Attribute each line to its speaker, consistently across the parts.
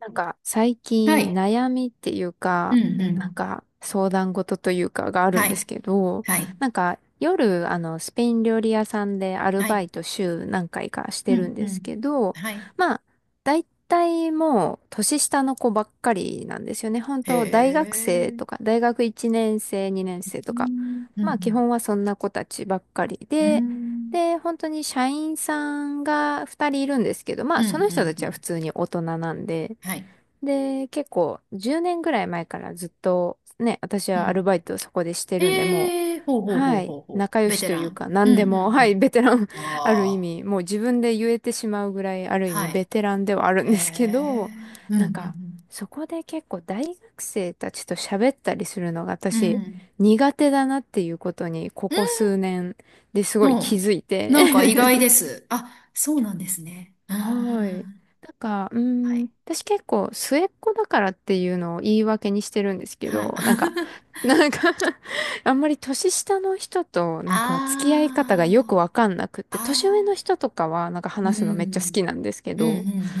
Speaker 1: 最
Speaker 2: は
Speaker 1: 近
Speaker 2: い。
Speaker 1: 悩みっていう
Speaker 2: う
Speaker 1: か、
Speaker 2: んうん。
Speaker 1: 相談事というかがある
Speaker 2: は
Speaker 1: んで
Speaker 2: い。
Speaker 1: すけど、
Speaker 2: はい。
Speaker 1: 夜スペイン料理屋さんでアル
Speaker 2: は
Speaker 1: バ
Speaker 2: い。
Speaker 1: イト週何回かし
Speaker 2: う
Speaker 1: てるん
Speaker 2: んう
Speaker 1: です
Speaker 2: ん。
Speaker 1: けど、
Speaker 2: はい。
Speaker 1: まあ大体もう年下の子ばっかりなんですよね。本
Speaker 2: へ
Speaker 1: 当大学生
Speaker 2: え。
Speaker 1: とか大学1年生、2年生
Speaker 2: う
Speaker 1: とか、
Speaker 2: ん。う
Speaker 1: まあ基
Speaker 2: ん。
Speaker 1: 本はそんな子たちばっかり
Speaker 2: う
Speaker 1: で、
Speaker 2: ん。
Speaker 1: で、本当に社員さんが2人いるんですけど、ま
Speaker 2: う
Speaker 1: あ
Speaker 2: ん。
Speaker 1: その
Speaker 2: う
Speaker 1: 人た
Speaker 2: ん。う
Speaker 1: ちは
Speaker 2: ん。
Speaker 1: 普通に大人なんで、
Speaker 2: はい。
Speaker 1: で、結構10年ぐらい前からずっとね、私
Speaker 2: う
Speaker 1: はアル
Speaker 2: ん。
Speaker 1: バイトをそこでしてるんで、も
Speaker 2: へえ。
Speaker 1: う、
Speaker 2: ほうほうほう
Speaker 1: はい、
Speaker 2: ほうほ
Speaker 1: 仲
Speaker 2: う。
Speaker 1: 良
Speaker 2: ベ
Speaker 1: し
Speaker 2: テ
Speaker 1: とい
Speaker 2: ラ
Speaker 1: う
Speaker 2: ン。
Speaker 1: か、
Speaker 2: う
Speaker 1: 何で
Speaker 2: ん。う
Speaker 1: も、
Speaker 2: ん。う
Speaker 1: はい、
Speaker 2: ん。
Speaker 1: ベテラン ある意
Speaker 2: ああ。
Speaker 1: 味、もう自分で言えてしまうぐらい、ある意
Speaker 2: は
Speaker 1: 味
Speaker 2: い。
Speaker 1: ベテランではある
Speaker 2: へ
Speaker 1: んですけ
Speaker 2: え。
Speaker 1: ど、
Speaker 2: う
Speaker 1: なん
Speaker 2: ん。う
Speaker 1: か、
Speaker 2: ん。
Speaker 1: そこで結構大学生たちと喋ったりするのが
Speaker 2: う
Speaker 1: 私、
Speaker 2: ん。
Speaker 1: 苦手だなっていうことに、こ
Speaker 2: う
Speaker 1: こ
Speaker 2: ん
Speaker 1: 数年ですごい気
Speaker 2: の、
Speaker 1: づいて
Speaker 2: なんか意外で す。あ、そうなんですね。うんうんう
Speaker 1: はい。
Speaker 2: んはい。
Speaker 1: 私結構末っ子だからっていうのを言い訳にしてるんですけ
Speaker 2: はい。
Speaker 1: ど、なんか あんまり年下の人と付き合い方が
Speaker 2: あ
Speaker 1: よくわかんなくっ
Speaker 2: あ。あ
Speaker 1: て、年上の
Speaker 2: あ。
Speaker 1: 人とかは
Speaker 2: う
Speaker 1: 話すのめっちゃ好き
Speaker 2: ん。
Speaker 1: なんですけ
Speaker 2: うん、うん、
Speaker 1: ど、
Speaker 2: うん、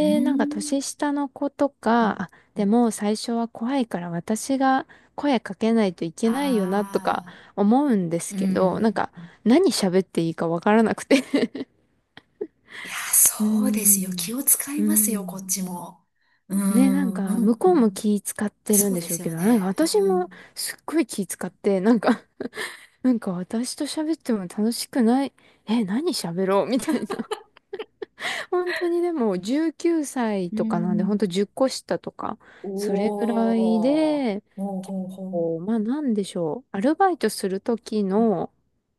Speaker 2: うん。うん
Speaker 1: 年下の子と
Speaker 2: う
Speaker 1: か、
Speaker 2: ん
Speaker 1: あ、でも最初は怖いから私が声かけないといけないよなとか
Speaker 2: ああ、
Speaker 1: 思うんです
Speaker 2: う
Speaker 1: けど、
Speaker 2: ん。
Speaker 1: 何喋っていいかわからなくて
Speaker 2: いや、
Speaker 1: うー
Speaker 2: そうですよ。気
Speaker 1: ん。
Speaker 2: を使い
Speaker 1: うー
Speaker 2: ますよ、こ
Speaker 1: ん
Speaker 2: っちも。う
Speaker 1: ね、
Speaker 2: ん、う
Speaker 1: 向こうも
Speaker 2: ん。
Speaker 1: 気使ってるん
Speaker 2: そう
Speaker 1: で
Speaker 2: で
Speaker 1: しょう
Speaker 2: す
Speaker 1: け
Speaker 2: よ
Speaker 1: ど、
Speaker 2: ね。
Speaker 1: 私
Speaker 2: う
Speaker 1: も
Speaker 2: ん。
Speaker 1: すっごい気使って、私と喋っても楽しくない。え、何喋ろうみたいな。本当にでも19歳
Speaker 2: う
Speaker 1: とかなんで、本当
Speaker 2: ん。
Speaker 1: 10個下とか、それぐらい
Speaker 2: おー。
Speaker 1: で、
Speaker 2: ほう
Speaker 1: 結
Speaker 2: ほうほう。
Speaker 1: 構、まあなんでしょう、アルバイトする時
Speaker 2: うん
Speaker 1: の、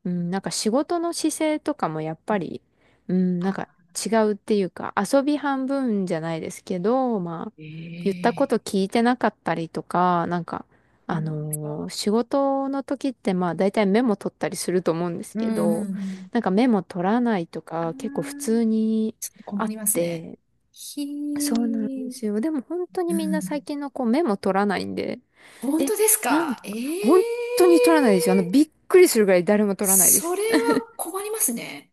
Speaker 1: うん、仕事の姿勢とかもやっぱり、うん、
Speaker 2: あ、
Speaker 1: 違うっていうか、遊び半分じゃないですけど、まあ、言ったこ
Speaker 2: ええ、
Speaker 1: と聞いてなかったりとか、
Speaker 2: そうなんですか。
Speaker 1: 仕事の時ってまあ大体メモ取ったりすると思うんです
Speaker 2: うん、う
Speaker 1: け
Speaker 2: ん、う
Speaker 1: ど、
Speaker 2: ん。
Speaker 1: メモ取らないと
Speaker 2: あ
Speaker 1: か結構普
Speaker 2: あ、
Speaker 1: 通に
Speaker 2: ちょっと
Speaker 1: あ
Speaker 2: 困
Speaker 1: っ
Speaker 2: りますね。
Speaker 1: て、
Speaker 2: ひ
Speaker 1: そうなんで
Speaker 2: ー。
Speaker 1: すよ。でも本当に
Speaker 2: う
Speaker 1: みんな最
Speaker 2: ん、
Speaker 1: 近の子メモ取らないんで、
Speaker 2: 本
Speaker 1: え、
Speaker 2: 当です
Speaker 1: なん
Speaker 2: か、え
Speaker 1: か、
Speaker 2: え
Speaker 1: 本当
Speaker 2: ー。
Speaker 1: に取らないですよ。あの、びっくりするぐらい誰も取らないで
Speaker 2: そ
Speaker 1: す。
Speaker 2: れは困りますね。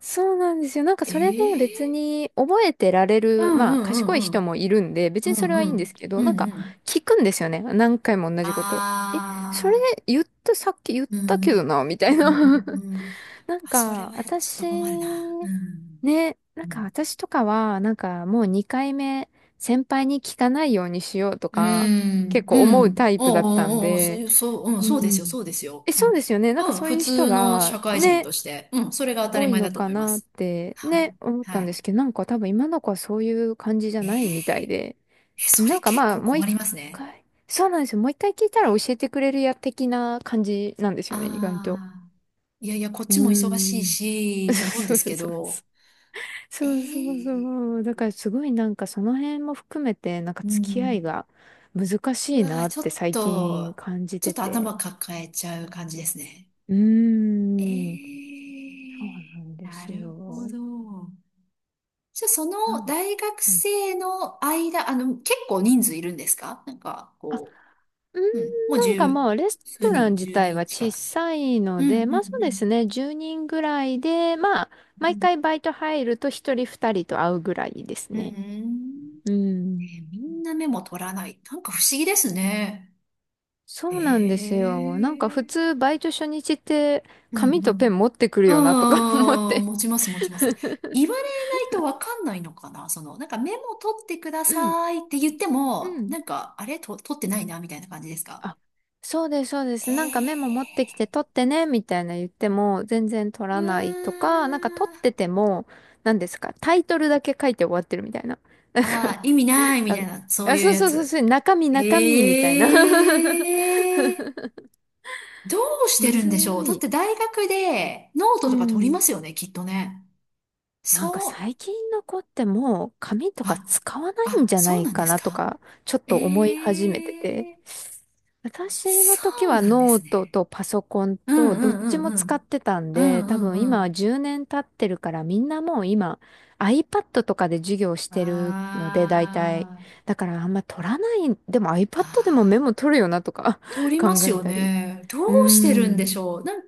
Speaker 1: そうなんですよ。
Speaker 2: え
Speaker 1: それで別
Speaker 2: え
Speaker 1: に覚えてられ
Speaker 2: ーう
Speaker 1: る、
Speaker 2: んう
Speaker 1: まあ
Speaker 2: ん
Speaker 1: 賢
Speaker 2: う
Speaker 1: い
Speaker 2: んう
Speaker 1: 人も
Speaker 2: ん。
Speaker 1: いるんで、別
Speaker 2: う
Speaker 1: にそれ
Speaker 2: ん
Speaker 1: は
Speaker 2: う
Speaker 1: いいんです
Speaker 2: ん。
Speaker 1: け
Speaker 2: う
Speaker 1: ど、
Speaker 2: んうん。
Speaker 1: 聞くんですよね。何回も同じこと。え、それ
Speaker 2: ああ、
Speaker 1: 言った、さっき言っ
Speaker 2: うん
Speaker 1: た
Speaker 2: う
Speaker 1: けど
Speaker 2: ん。
Speaker 1: な、みた
Speaker 2: う
Speaker 1: いな。
Speaker 2: ん うんうん。
Speaker 1: なん
Speaker 2: あ、それ
Speaker 1: か、
Speaker 2: はちょっと
Speaker 1: 私、
Speaker 2: 困るな。うん。
Speaker 1: ね、
Speaker 2: うん。
Speaker 1: 私とかは、もう2回目、先輩に聞かないようにしようと
Speaker 2: う
Speaker 1: か、
Speaker 2: ん
Speaker 1: 結構
Speaker 2: う
Speaker 1: 思う
Speaker 2: ん。
Speaker 1: タイプ
Speaker 2: お
Speaker 1: だ
Speaker 2: う
Speaker 1: ったん
Speaker 2: おうおう、そう
Speaker 1: で、
Speaker 2: いう、そう、うん、
Speaker 1: う
Speaker 2: そうですよ、
Speaker 1: ん。
Speaker 2: そうですよ。
Speaker 1: え、
Speaker 2: う
Speaker 1: そうで
Speaker 2: ん。
Speaker 1: すよね。
Speaker 2: うん、
Speaker 1: そう
Speaker 2: 普
Speaker 1: いう人
Speaker 2: 通の
Speaker 1: が、
Speaker 2: 社会人
Speaker 1: ね、
Speaker 2: として、うん、それが当たり
Speaker 1: 多い
Speaker 2: 前
Speaker 1: の
Speaker 2: だと
Speaker 1: か
Speaker 2: 思いま
Speaker 1: なっ
Speaker 2: す。
Speaker 1: て、
Speaker 2: はい。
Speaker 1: ね、思ったんで
Speaker 2: は
Speaker 1: すけど、多分今の子はそういう感じじゃ
Speaker 2: い。え
Speaker 1: ないみた
Speaker 2: ー、
Speaker 1: いで、
Speaker 2: え、それ結
Speaker 1: まあ、
Speaker 2: 構
Speaker 1: もう
Speaker 2: 困
Speaker 1: 一
Speaker 2: りますね。
Speaker 1: 回、そうなんですよ。もう一回聞いたら教えてくれるや、的な感じなんですよね、意外と。
Speaker 2: ああ、いやいや、こっ
Speaker 1: うー
Speaker 2: ちも忙しい
Speaker 1: ん。
Speaker 2: し、と思うんで
Speaker 1: そう
Speaker 2: す
Speaker 1: そう
Speaker 2: け
Speaker 1: そう。
Speaker 2: ど、え
Speaker 1: そうそう
Speaker 2: え、
Speaker 1: そう。だからすごいその辺も含めて
Speaker 2: う
Speaker 1: 付き合い
Speaker 2: ん。
Speaker 1: が難し
Speaker 2: う
Speaker 1: い
Speaker 2: わー、
Speaker 1: なっ
Speaker 2: ちょ
Speaker 1: て
Speaker 2: っ
Speaker 1: 最近
Speaker 2: と、
Speaker 1: 感じ
Speaker 2: ちょっ
Speaker 1: て
Speaker 2: と
Speaker 1: て。
Speaker 2: 頭抱えちゃう感じですね。
Speaker 1: う
Speaker 2: え
Speaker 1: ーん。そうな
Speaker 2: え、
Speaker 1: んで
Speaker 2: な
Speaker 1: す
Speaker 2: るほ
Speaker 1: よ。
Speaker 2: ど。じゃあ、そ
Speaker 1: な
Speaker 2: の
Speaker 1: ん
Speaker 2: 大学
Speaker 1: うん。
Speaker 2: 生の間、あの、結構人数いるんですか、なんか、
Speaker 1: あ、
Speaker 2: こ
Speaker 1: うー
Speaker 2: う、うん、
Speaker 1: ん、
Speaker 2: もう
Speaker 1: まあレス
Speaker 2: 十
Speaker 1: ト
Speaker 2: 数
Speaker 1: ラン
Speaker 2: 人、
Speaker 1: 自
Speaker 2: 十
Speaker 1: 体は
Speaker 2: 人近
Speaker 1: 小
Speaker 2: く。
Speaker 1: さい
Speaker 2: う
Speaker 1: の
Speaker 2: ん、う
Speaker 1: で、
Speaker 2: ん、う
Speaker 1: まあそうです
Speaker 2: ん。
Speaker 1: ね。10人ぐらいで、まあ
Speaker 2: う
Speaker 1: 毎
Speaker 2: ん、
Speaker 1: 回バイト入ると1人2人と会うぐらいです
Speaker 2: う
Speaker 1: ね。
Speaker 2: ん。
Speaker 1: うん。
Speaker 2: えー、みんなメモ取らない。なんか不思議ですね。
Speaker 1: そうなんです
Speaker 2: え
Speaker 1: よ。普
Speaker 2: え
Speaker 1: 通バイト初日って
Speaker 2: うんう
Speaker 1: 紙とペン
Speaker 2: ん。
Speaker 1: 持ってくるよなとか 思っ
Speaker 2: ああ、
Speaker 1: て。
Speaker 2: 持ちます、持ちます。言われないとわかんないのかな、その、なんかメモ取ってくだ
Speaker 1: うん、
Speaker 2: さいって言って
Speaker 1: う
Speaker 2: も、
Speaker 1: ん。
Speaker 2: なんか、あれ、と、取ってないな、みたいな感じですか。
Speaker 1: あ、そうです、そうです。メモ持ってき
Speaker 2: ええ
Speaker 1: て取ってね、みたいな言っても全然取
Speaker 2: う
Speaker 1: らないと
Speaker 2: わ
Speaker 1: か、取って
Speaker 2: ー。
Speaker 1: ても、何ですか、タイトルだけ書いて終わってるみたいな。
Speaker 2: ああ、意味ないみ
Speaker 1: な
Speaker 2: た
Speaker 1: ん
Speaker 2: い
Speaker 1: か、
Speaker 2: な、そ
Speaker 1: あ、
Speaker 2: う
Speaker 1: あ
Speaker 2: いう
Speaker 1: そう
Speaker 2: や
Speaker 1: そうそう
Speaker 2: つ。
Speaker 1: そう、中身中身みたいな。
Speaker 2: ええ、どうして
Speaker 1: む
Speaker 2: るん
Speaker 1: ず
Speaker 2: でしょう、だっ
Speaker 1: い。
Speaker 2: て大学でノー
Speaker 1: う
Speaker 2: トとか取りま
Speaker 1: ん。
Speaker 2: すよね、きっとね。そ
Speaker 1: 最
Speaker 2: う。
Speaker 1: 近の子ってもう紙とか
Speaker 2: あ、
Speaker 1: 使わないん
Speaker 2: あ、
Speaker 1: じゃな
Speaker 2: そう
Speaker 1: い
Speaker 2: なんで
Speaker 1: か
Speaker 2: す
Speaker 1: なと
Speaker 2: か、
Speaker 1: か、ちょっ
Speaker 2: え
Speaker 1: と思い始めてて。
Speaker 2: え、
Speaker 1: 私の
Speaker 2: そ
Speaker 1: 時
Speaker 2: う
Speaker 1: は
Speaker 2: なんで
Speaker 1: ノー
Speaker 2: す
Speaker 1: ト
Speaker 2: ね。
Speaker 1: とパソコン
Speaker 2: うん
Speaker 1: と
Speaker 2: う
Speaker 1: どっ
Speaker 2: ん
Speaker 1: ちも
Speaker 2: うんう
Speaker 1: 使
Speaker 2: ん。
Speaker 1: ってたん
Speaker 2: う
Speaker 1: で、
Speaker 2: ん
Speaker 1: 多
Speaker 2: う
Speaker 1: 分
Speaker 2: んう
Speaker 1: 今は
Speaker 2: ん。
Speaker 1: 10年経ってるからみんなもう今 iPad とかで授業してるので大体。
Speaker 2: あ
Speaker 1: だからあんま取らない、でも iPad でもメモ
Speaker 2: あ、ああ、
Speaker 1: 取るよなとか
Speaker 2: 通 りま
Speaker 1: 考
Speaker 2: す
Speaker 1: え
Speaker 2: よ
Speaker 1: たり。
Speaker 2: ね。ど
Speaker 1: う
Speaker 2: うしてる
Speaker 1: ー
Speaker 2: ん
Speaker 1: ん、
Speaker 2: でしょう。なん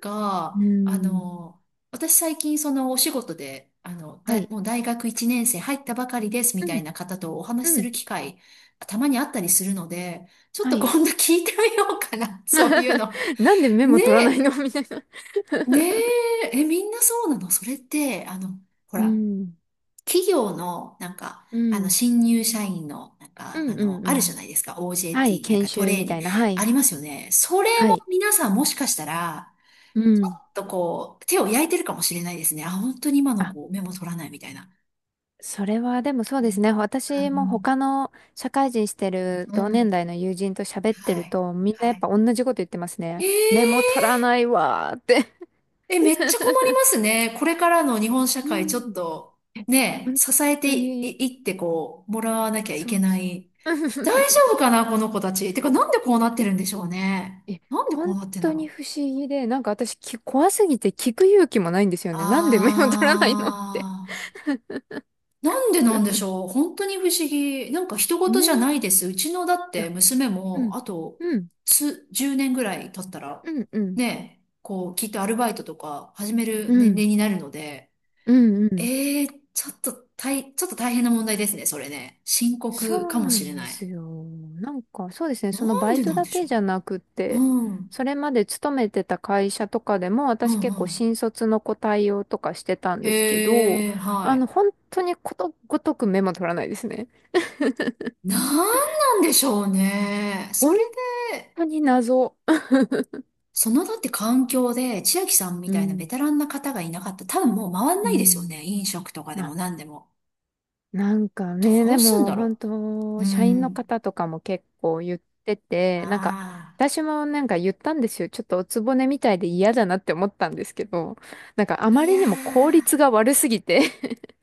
Speaker 1: うー
Speaker 2: か、
Speaker 1: ん。
Speaker 2: 私最近そのお仕事で、
Speaker 1: はい。
Speaker 2: もう大学1年生入ったばかりですみ
Speaker 1: う
Speaker 2: た
Speaker 1: ん、
Speaker 2: いな方とお話し
Speaker 1: う
Speaker 2: す
Speaker 1: ん。
Speaker 2: る機会、たまにあったりするので、ちょっ
Speaker 1: は
Speaker 2: と
Speaker 1: い。
Speaker 2: 今度聞いてみようかな。そういう の。
Speaker 1: なんでメモ取らないの
Speaker 2: ね
Speaker 1: みたいな。
Speaker 2: ねえ、え、みんなそうなのそれって、ほ
Speaker 1: う
Speaker 2: ら、
Speaker 1: ん。
Speaker 2: 企業の、なんか、
Speaker 1: うん。
Speaker 2: 新入社員の、なん
Speaker 1: う
Speaker 2: か、
Speaker 1: んうんう
Speaker 2: あるじゃ
Speaker 1: ん。
Speaker 2: ないですか、
Speaker 1: はい。
Speaker 2: OJT、なん
Speaker 1: 研
Speaker 2: かト
Speaker 1: 修
Speaker 2: レー
Speaker 1: み
Speaker 2: ニ
Speaker 1: た
Speaker 2: ン
Speaker 1: い
Speaker 2: グ、
Speaker 1: な。は
Speaker 2: あ
Speaker 1: い。
Speaker 2: りますよね。それ
Speaker 1: は
Speaker 2: も
Speaker 1: い。
Speaker 2: 皆さんもしかしたら、
Speaker 1: う
Speaker 2: ちょ
Speaker 1: ん。
Speaker 2: っとこう、手を焼いてるかもしれないですね。あ、本当に今の
Speaker 1: あ、
Speaker 2: 子、メモ取らないみたいな。
Speaker 1: それはでもそう
Speaker 2: う
Speaker 1: です
Speaker 2: ん、
Speaker 1: ね。私も他
Speaker 2: う
Speaker 1: の社会人してる
Speaker 2: ん、うん。
Speaker 1: 同
Speaker 2: う
Speaker 1: 年
Speaker 2: ん、
Speaker 1: 代の友人と喋って
Speaker 2: は
Speaker 1: る
Speaker 2: い、
Speaker 1: と、みんな
Speaker 2: は
Speaker 1: やっ
Speaker 2: い。
Speaker 1: ぱ同じこと言ってますね。メモ取
Speaker 2: ええ
Speaker 1: らないわーって
Speaker 2: え、めっちゃ困り ますね。これからの日本社
Speaker 1: う
Speaker 2: 会、ちょっ
Speaker 1: ん。
Speaker 2: と、
Speaker 1: え
Speaker 2: ね、
Speaker 1: 本
Speaker 2: 支えて
Speaker 1: 当
Speaker 2: い、
Speaker 1: に、
Speaker 2: いってこう、もらわなきゃい
Speaker 1: そ
Speaker 2: け
Speaker 1: う
Speaker 2: な
Speaker 1: そう。
Speaker 2: い。大丈 夫かな、この子たち。てか、なんでこうなってるんでし
Speaker 1: う
Speaker 2: ょう
Speaker 1: ん
Speaker 2: ね。
Speaker 1: え、
Speaker 2: なんでこう
Speaker 1: 本
Speaker 2: なってんだ
Speaker 1: 当に
Speaker 2: ろう。
Speaker 1: 不思議で、私き、怖すぎて聞く勇気もないんですよね。なんでメモ取らないのって。
Speaker 2: あー。なんでなんでしょう。本当に不思議。なんか人事じゃ
Speaker 1: ね。
Speaker 2: な
Speaker 1: い
Speaker 2: いです。うちのだって
Speaker 1: や、
Speaker 2: 娘
Speaker 1: う
Speaker 2: も、
Speaker 1: ん、
Speaker 2: あと、
Speaker 1: うん、
Speaker 2: 数、10年ぐらい経ったら、
Speaker 1: うん、うん、
Speaker 2: ね、こう、きっとアルバイトとか始める
Speaker 1: う
Speaker 2: 年
Speaker 1: ん、
Speaker 2: 齢になるので、
Speaker 1: うん、うん。
Speaker 2: ええ、ちょっとちょっと大変な問題ですね、それね。深刻
Speaker 1: そ
Speaker 2: か
Speaker 1: う
Speaker 2: も
Speaker 1: な
Speaker 2: し
Speaker 1: ん
Speaker 2: れ
Speaker 1: で
Speaker 2: ない。
Speaker 1: すよ。そうですね。
Speaker 2: な
Speaker 1: その
Speaker 2: ん
Speaker 1: バイ
Speaker 2: で
Speaker 1: ト
Speaker 2: なん
Speaker 1: だ
Speaker 2: でし
Speaker 1: け
Speaker 2: ょ
Speaker 1: じゃなくっ
Speaker 2: う。う
Speaker 1: て、
Speaker 2: ん、うん、
Speaker 1: それまで勤めてた会社とかでも、
Speaker 2: う
Speaker 1: 私結構
Speaker 2: ん。
Speaker 1: 新卒の子対応とかしてたんですけど、
Speaker 2: ええは
Speaker 1: あ
Speaker 2: い。
Speaker 1: の、本当にことごとくメモ取らないですね。
Speaker 2: なんなんでしょうね。そ
Speaker 1: 本
Speaker 2: れで、
Speaker 1: 当に謎。
Speaker 2: そのだって環境で、千秋さんみ
Speaker 1: う
Speaker 2: たいなベ
Speaker 1: ん、
Speaker 2: テランな方がいなかったら、多分もう回ん
Speaker 1: う
Speaker 2: ないですよ
Speaker 1: ん。
Speaker 2: ね。飲食とかで
Speaker 1: ま
Speaker 2: も
Speaker 1: あ、
Speaker 2: 何でも。
Speaker 1: なんかね、
Speaker 2: ど
Speaker 1: で
Speaker 2: うすん
Speaker 1: も
Speaker 2: だ
Speaker 1: 本
Speaker 2: ろう。
Speaker 1: 当、
Speaker 2: う
Speaker 1: 社員の
Speaker 2: ん。
Speaker 1: 方とかも結構言ってて、
Speaker 2: ああ。
Speaker 1: 私も言ったんですよ。ちょっとおつぼねみたいで嫌だなって思ったんですけど、あま
Speaker 2: いや
Speaker 1: りにも効
Speaker 2: ー。
Speaker 1: 率が悪すぎて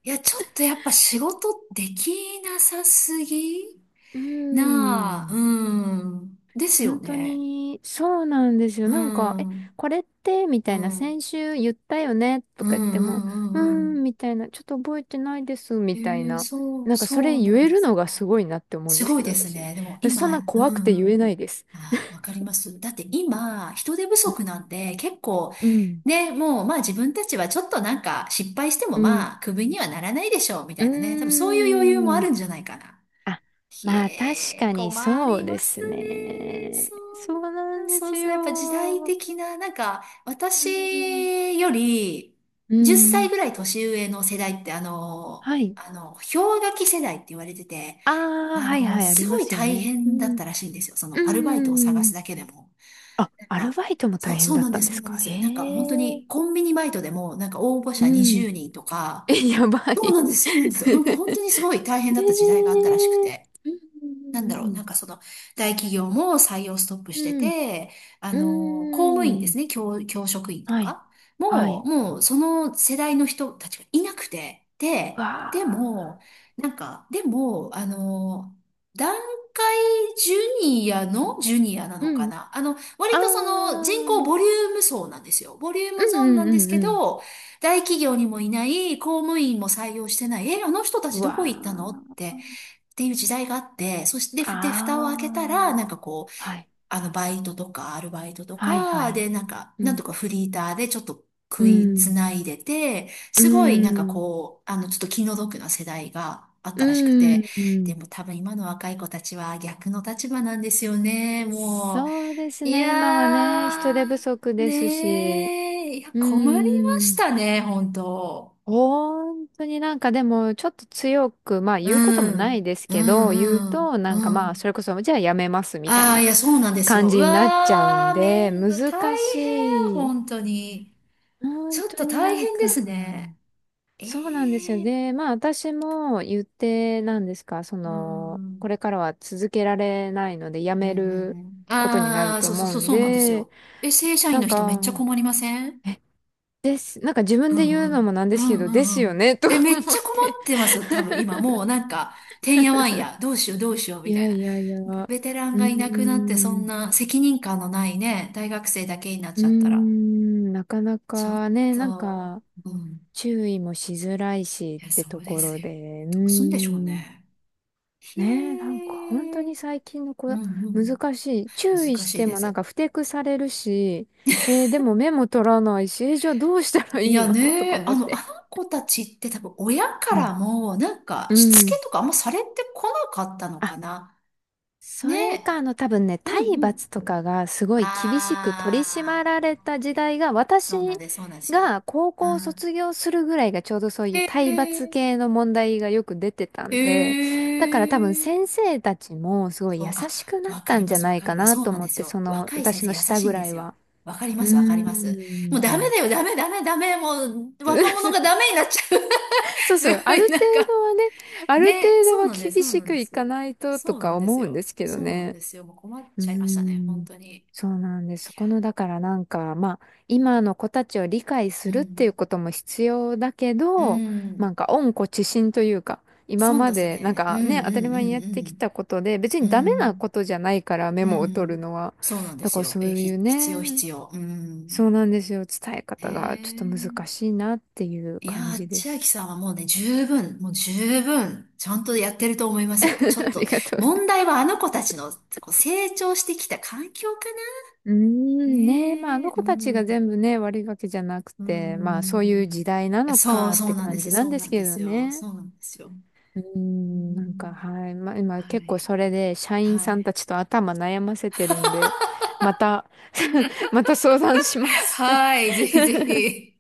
Speaker 2: いや、ちょっとやっぱ仕事できなさすぎ
Speaker 1: うー
Speaker 2: なあ、
Speaker 1: ん。
Speaker 2: うん。ですよ
Speaker 1: 本当
Speaker 2: ね。
Speaker 1: に、そうなんですよ。
Speaker 2: う
Speaker 1: え、
Speaker 2: ん。
Speaker 1: これって、み
Speaker 2: う
Speaker 1: たい
Speaker 2: ん。
Speaker 1: な、
Speaker 2: うん
Speaker 1: 先週言ったよね、と
Speaker 2: うん
Speaker 1: か言って
Speaker 2: う
Speaker 1: も、うー
Speaker 2: んうん。
Speaker 1: ん、みたいな、ちょっと覚えてないです、
Speaker 2: へ
Speaker 1: みたい
Speaker 2: え、
Speaker 1: な。
Speaker 2: そう、
Speaker 1: そ
Speaker 2: そ
Speaker 1: れ
Speaker 2: うな
Speaker 1: 言
Speaker 2: ん
Speaker 1: え
Speaker 2: で
Speaker 1: る
Speaker 2: す
Speaker 1: のがす
Speaker 2: か。
Speaker 1: ごいなって思うん
Speaker 2: す
Speaker 1: です
Speaker 2: ごい
Speaker 1: けど、
Speaker 2: です
Speaker 1: 私。
Speaker 2: ね。でも
Speaker 1: 私、そんな
Speaker 2: 今、う
Speaker 1: 怖く
Speaker 2: ん
Speaker 1: て
Speaker 2: う
Speaker 1: 言
Speaker 2: ん。
Speaker 1: えないです。
Speaker 2: ああ、わかります。だって今、人手不
Speaker 1: うん、
Speaker 2: 足なんで、結構、
Speaker 1: うん、
Speaker 2: ね、もう、まあ自分たちはちょっとなんか失敗しても
Speaker 1: うん。
Speaker 2: まあ、クビにはならないでしょう、みた
Speaker 1: うー
Speaker 2: いなね。多分そういう余裕もあ
Speaker 1: ん
Speaker 2: るんじゃないかな。
Speaker 1: あ
Speaker 2: ひ
Speaker 1: まあ確
Speaker 2: え、
Speaker 1: かに
Speaker 2: 困
Speaker 1: そう
Speaker 2: り
Speaker 1: で
Speaker 2: ます
Speaker 1: す
Speaker 2: ね。
Speaker 1: ね。
Speaker 2: そう
Speaker 1: そうな
Speaker 2: なん
Speaker 1: ん
Speaker 2: だ。
Speaker 1: で
Speaker 2: そ
Speaker 1: す
Speaker 2: うそう。やっぱ時代
Speaker 1: よ。
Speaker 2: 的な、なんか、
Speaker 1: う
Speaker 2: 私
Speaker 1: ん。
Speaker 2: より
Speaker 1: う
Speaker 2: 10歳
Speaker 1: ん。
Speaker 2: ぐらい年上の世代って、あの、
Speaker 1: はい。
Speaker 2: あの、氷河期世代って言われてて、
Speaker 1: ああ、
Speaker 2: あ
Speaker 1: はい
Speaker 2: の、
Speaker 1: はい、あり
Speaker 2: すご
Speaker 1: ま
Speaker 2: い
Speaker 1: すよ
Speaker 2: 大
Speaker 1: ね。う
Speaker 2: 変だっ
Speaker 1: ん。う
Speaker 2: たらしいんですよ。そ
Speaker 1: ー
Speaker 2: の、アルバイトを探す
Speaker 1: ん。
Speaker 2: だけでも。
Speaker 1: あ、
Speaker 2: なん
Speaker 1: アル
Speaker 2: か、
Speaker 1: バイトも大変
Speaker 2: そう
Speaker 1: だっ
Speaker 2: なん
Speaker 1: た
Speaker 2: で
Speaker 1: ん
Speaker 2: す、
Speaker 1: で
Speaker 2: そう
Speaker 1: す
Speaker 2: なんで
Speaker 1: か。へ
Speaker 2: す。なんか、本当に、
Speaker 1: え。
Speaker 2: コンビニバイトでも、なんか応募
Speaker 1: う
Speaker 2: 者
Speaker 1: ん。
Speaker 2: 20人と か、
Speaker 1: え、やば
Speaker 2: そう
Speaker 1: い。
Speaker 2: なんです、そうなんです よ。
Speaker 1: へ
Speaker 2: なんか本
Speaker 1: え
Speaker 2: 当にすごい大変だった時代があったらしくて。
Speaker 1: う
Speaker 2: なんだろう、なん
Speaker 1: ん
Speaker 2: かその、大企業も採用ストップし
Speaker 1: う
Speaker 2: て
Speaker 1: ん
Speaker 2: て、あ
Speaker 1: うんう
Speaker 2: の、公務員
Speaker 1: ん。
Speaker 2: で
Speaker 1: う
Speaker 2: す
Speaker 1: ん。
Speaker 2: ね、教職員と
Speaker 1: はい。
Speaker 2: か、
Speaker 1: はい。
Speaker 2: もうその世代の人たちがいなくて、
Speaker 1: わ
Speaker 2: で、で
Speaker 1: あ。
Speaker 2: も、なんか、でも、あの、団塊ジュニアのジュニアなの
Speaker 1: う
Speaker 2: か
Speaker 1: ん。
Speaker 2: な、あの、割
Speaker 1: ああ。
Speaker 2: とその人
Speaker 1: う
Speaker 2: 口
Speaker 1: ん
Speaker 2: ボリューム層なんですよ。ボリューム
Speaker 1: う
Speaker 2: ゾーンな
Speaker 1: ん
Speaker 2: ん
Speaker 1: う
Speaker 2: です
Speaker 1: んう
Speaker 2: け
Speaker 1: ん。
Speaker 2: ど、大企業にもいない、公務員も採用してない、え、あの人た
Speaker 1: う
Speaker 2: ちど
Speaker 1: わ
Speaker 2: こ行ったのっ
Speaker 1: あ。
Speaker 2: て、っていう時代があって、そして、蓋を開けたら、な
Speaker 1: あ
Speaker 2: ん
Speaker 1: あ。
Speaker 2: かこう、
Speaker 1: はい。
Speaker 2: あの、バイトとか、アルバイトと
Speaker 1: はいは
Speaker 2: か、
Speaker 1: い。
Speaker 2: で、なんか、
Speaker 1: う
Speaker 2: なんと
Speaker 1: ん。
Speaker 2: かフリーターでちょっと
Speaker 1: う
Speaker 2: 食いつ
Speaker 1: ん。
Speaker 2: ないでて、
Speaker 1: う
Speaker 2: すごい、なんか
Speaker 1: ん。
Speaker 2: こう、あの、ちょっと気の毒な世代があっ
Speaker 1: う
Speaker 2: たらしくて、
Speaker 1: ん。う
Speaker 2: で
Speaker 1: ん。
Speaker 2: も多分今の若い子たちは逆の立場なんですよね、も
Speaker 1: そうです
Speaker 2: う。い
Speaker 1: ね。今はね、人
Speaker 2: や
Speaker 1: 手不足
Speaker 2: ー、
Speaker 1: ですし、
Speaker 2: ねえ、いや、
Speaker 1: うー
Speaker 2: 困りまし
Speaker 1: ん。
Speaker 2: たね、本当。
Speaker 1: 本当にでも、ちょっと強く、まあ
Speaker 2: う
Speaker 1: 言うこともない
Speaker 2: ん、
Speaker 1: です
Speaker 2: う
Speaker 1: けど、言う
Speaker 2: ん、
Speaker 1: と、
Speaker 2: うん、う
Speaker 1: まあ、そ
Speaker 2: ん。
Speaker 1: れこそ、じゃあやめますみたい
Speaker 2: ああ、い
Speaker 1: な
Speaker 2: や、そうなんです
Speaker 1: 感
Speaker 2: よ。う
Speaker 1: じになっちゃうん
Speaker 2: わー、
Speaker 1: で、難
Speaker 2: 大変、
Speaker 1: しい。
Speaker 2: 本当に。ち
Speaker 1: 本
Speaker 2: ょっ
Speaker 1: 当
Speaker 2: と
Speaker 1: に
Speaker 2: 大変ですね。ええ
Speaker 1: そうなんですよ。
Speaker 2: ー、
Speaker 1: で、まあ私も言って、なんですか、そ
Speaker 2: うー
Speaker 1: の、こ
Speaker 2: ん。
Speaker 1: れからは続けられないので、や
Speaker 2: うん、う
Speaker 1: める
Speaker 2: ん、うん。
Speaker 1: ことになる
Speaker 2: ああ、
Speaker 1: と
Speaker 2: そうそう
Speaker 1: 思う
Speaker 2: そう、
Speaker 1: ん
Speaker 2: そうなんです
Speaker 1: で、
Speaker 2: よ。え、正社員
Speaker 1: なん
Speaker 2: の人めっちゃ
Speaker 1: か、
Speaker 2: 困りません、
Speaker 1: え、です。自分
Speaker 2: うん
Speaker 1: で言う
Speaker 2: う
Speaker 1: のも
Speaker 2: ん。
Speaker 1: なん
Speaker 2: う
Speaker 1: ですけ
Speaker 2: ん
Speaker 1: ど、
Speaker 2: う
Speaker 1: です
Speaker 2: んう
Speaker 1: よ
Speaker 2: ん。
Speaker 1: ね、とか
Speaker 2: え、めっ
Speaker 1: 思
Speaker 2: ち
Speaker 1: っ
Speaker 2: ゃ困
Speaker 1: て。
Speaker 2: ってますよ、多分今。もうなんか、てんやわんや、どうしようどうしよう
Speaker 1: い
Speaker 2: みた
Speaker 1: や
Speaker 2: いな。
Speaker 1: いやいや。
Speaker 2: ベ
Speaker 1: う
Speaker 2: ベテラン
Speaker 1: ー
Speaker 2: がいなくなって、そん
Speaker 1: ん。
Speaker 2: な責任感のないね、大学生だけになっ
Speaker 1: うー
Speaker 2: ちゃったら。
Speaker 1: ん。なかな
Speaker 2: ちょっ
Speaker 1: かね、
Speaker 2: と、うん、
Speaker 1: 注意もしづらいしっ
Speaker 2: いや、
Speaker 1: て
Speaker 2: そ
Speaker 1: と
Speaker 2: うで
Speaker 1: こ
Speaker 2: す
Speaker 1: ろ
Speaker 2: よ。
Speaker 1: で、う
Speaker 2: どうすんでしょう
Speaker 1: ーん。
Speaker 2: ね。へ
Speaker 1: ねえ、本当
Speaker 2: え。
Speaker 1: に最近の子、
Speaker 2: うんうん。
Speaker 1: 難しい。注意
Speaker 2: 難
Speaker 1: し
Speaker 2: しい
Speaker 1: て
Speaker 2: で
Speaker 1: も
Speaker 2: す。
Speaker 1: 不適されるし、えーでも目も取らないし、えーじゃあどうしたらい
Speaker 2: い
Speaker 1: い
Speaker 2: や
Speaker 1: の とか
Speaker 2: ね、
Speaker 1: 思
Speaker 2: あ
Speaker 1: っ
Speaker 2: の、あ
Speaker 1: て。
Speaker 2: の子たちって多分親か
Speaker 1: うん。
Speaker 2: らも、なんか、
Speaker 1: う
Speaker 2: しつけ
Speaker 1: ん。
Speaker 2: とかあんまされてこなかったのかな。
Speaker 1: それか、
Speaker 2: ね。
Speaker 1: あの、多分ね、
Speaker 2: う
Speaker 1: 体
Speaker 2: んうん。
Speaker 1: 罰とかがすごい厳しく取り締ま
Speaker 2: あ
Speaker 1: られ
Speaker 2: あ、
Speaker 1: た時代が、私
Speaker 2: そうなんです、そうなんですよ。
Speaker 1: が高
Speaker 2: う
Speaker 1: 校を
Speaker 2: ん。
Speaker 1: 卒業するぐらいがちょうどそう
Speaker 2: へ
Speaker 1: いう体罰
Speaker 2: え、
Speaker 1: 系の問題がよく出てた
Speaker 2: へ
Speaker 1: んで、だから多分
Speaker 2: え。
Speaker 1: 先生たちもすごい
Speaker 2: そ
Speaker 1: 優
Speaker 2: う、あ、
Speaker 1: しくなっ
Speaker 2: わか
Speaker 1: た
Speaker 2: り
Speaker 1: ん
Speaker 2: ま
Speaker 1: じゃ
Speaker 2: す、わ
Speaker 1: ない
Speaker 2: か
Speaker 1: か
Speaker 2: ります。
Speaker 1: な
Speaker 2: そう
Speaker 1: と
Speaker 2: なん
Speaker 1: 思
Speaker 2: で
Speaker 1: っ
Speaker 2: す
Speaker 1: て、そ
Speaker 2: よ。
Speaker 1: の、
Speaker 2: 若い先
Speaker 1: 私
Speaker 2: 生
Speaker 1: の
Speaker 2: 優
Speaker 1: 下
Speaker 2: しい
Speaker 1: ぐ
Speaker 2: んで
Speaker 1: らい
Speaker 2: す
Speaker 1: は。
Speaker 2: よ。わかり
Speaker 1: う
Speaker 2: ま
Speaker 1: ー
Speaker 2: す、わかります。もうダメ
Speaker 1: ん。
Speaker 2: だよ、ダメ、ダメ、ダメ。もう若者がダ メになっちゃう。
Speaker 1: そうそ
Speaker 2: す
Speaker 1: う、
Speaker 2: ご
Speaker 1: あ
Speaker 2: い、
Speaker 1: る
Speaker 2: な
Speaker 1: 程
Speaker 2: ん
Speaker 1: 度
Speaker 2: か。
Speaker 1: はね、ある程
Speaker 2: ね、そ
Speaker 1: 度
Speaker 2: う
Speaker 1: は
Speaker 2: なんです、
Speaker 1: 厳
Speaker 2: そう
Speaker 1: し
Speaker 2: なん
Speaker 1: く
Speaker 2: で
Speaker 1: いか
Speaker 2: す。
Speaker 1: ないとと
Speaker 2: そうな
Speaker 1: か
Speaker 2: んです
Speaker 1: 思うんで
Speaker 2: よ。
Speaker 1: すけど
Speaker 2: そうなん
Speaker 1: ね。
Speaker 2: ですよ。もう困っ
Speaker 1: うー
Speaker 2: ちゃいましたね、本
Speaker 1: ん、
Speaker 2: 当に。い
Speaker 1: そうなんです。そ
Speaker 2: や、
Speaker 1: この、だからまあ、今の子たちを理解す
Speaker 2: う
Speaker 1: るってい
Speaker 2: ん。
Speaker 1: うことも必要だけ
Speaker 2: う
Speaker 1: ど、
Speaker 2: ん。
Speaker 1: 温故知新というか、今
Speaker 2: そう
Speaker 1: ま
Speaker 2: です
Speaker 1: で、なん
Speaker 2: ね。う
Speaker 1: か
Speaker 2: ん、う
Speaker 1: ね、当たり前にやってき
Speaker 2: ん、
Speaker 1: たことで、別
Speaker 2: うん、うん。
Speaker 1: にダメなことじゃないから、メ
Speaker 2: うん。う
Speaker 1: モを取る
Speaker 2: ん。
Speaker 1: のは。
Speaker 2: そうなんで
Speaker 1: だ
Speaker 2: す
Speaker 1: から
Speaker 2: よ。
Speaker 1: そ
Speaker 2: え、
Speaker 1: ういう
Speaker 2: 必要、
Speaker 1: ね、
Speaker 2: 必要。う
Speaker 1: そう
Speaker 2: ん。
Speaker 1: なんですよ。伝え
Speaker 2: へ
Speaker 1: 方がちょっと難
Speaker 2: え。
Speaker 1: しいなっていう
Speaker 2: いや
Speaker 1: 感
Speaker 2: ー、
Speaker 1: じで
Speaker 2: 千秋
Speaker 1: す。
Speaker 2: さんはもうね、十分、もう十分、ちゃんとやってると思います。やっ ぱちょっ
Speaker 1: あ
Speaker 2: と、
Speaker 1: りがとうございま
Speaker 2: 問
Speaker 1: す。
Speaker 2: 題はあの子たちの、こう、成長してきた環境か
Speaker 1: うー
Speaker 2: な。
Speaker 1: ん、ねまあ、あ
Speaker 2: ねえ、
Speaker 1: の
Speaker 2: う
Speaker 1: 子たちが
Speaker 2: ん、
Speaker 1: 全部ね、悪いわけじゃなく
Speaker 2: う
Speaker 1: て、まあ、そういう時
Speaker 2: ん。
Speaker 1: 代なの
Speaker 2: そう、
Speaker 1: かっ
Speaker 2: そう
Speaker 1: て
Speaker 2: なんで
Speaker 1: 感
Speaker 2: す。
Speaker 1: じなん
Speaker 2: そう
Speaker 1: で
Speaker 2: な
Speaker 1: す
Speaker 2: んで
Speaker 1: けど
Speaker 2: すよ。
Speaker 1: ね。
Speaker 2: そうなんですよ。
Speaker 1: うー
Speaker 2: う
Speaker 1: ん、
Speaker 2: ん、
Speaker 1: はい。まあ、今
Speaker 2: は
Speaker 1: 結構
Speaker 2: い、
Speaker 1: それで、社員
Speaker 2: は
Speaker 1: さんた
Speaker 2: い。
Speaker 1: ちと頭悩ませてるんで、また また相談しま す
Speaker 2: はい、ぜひぜひ。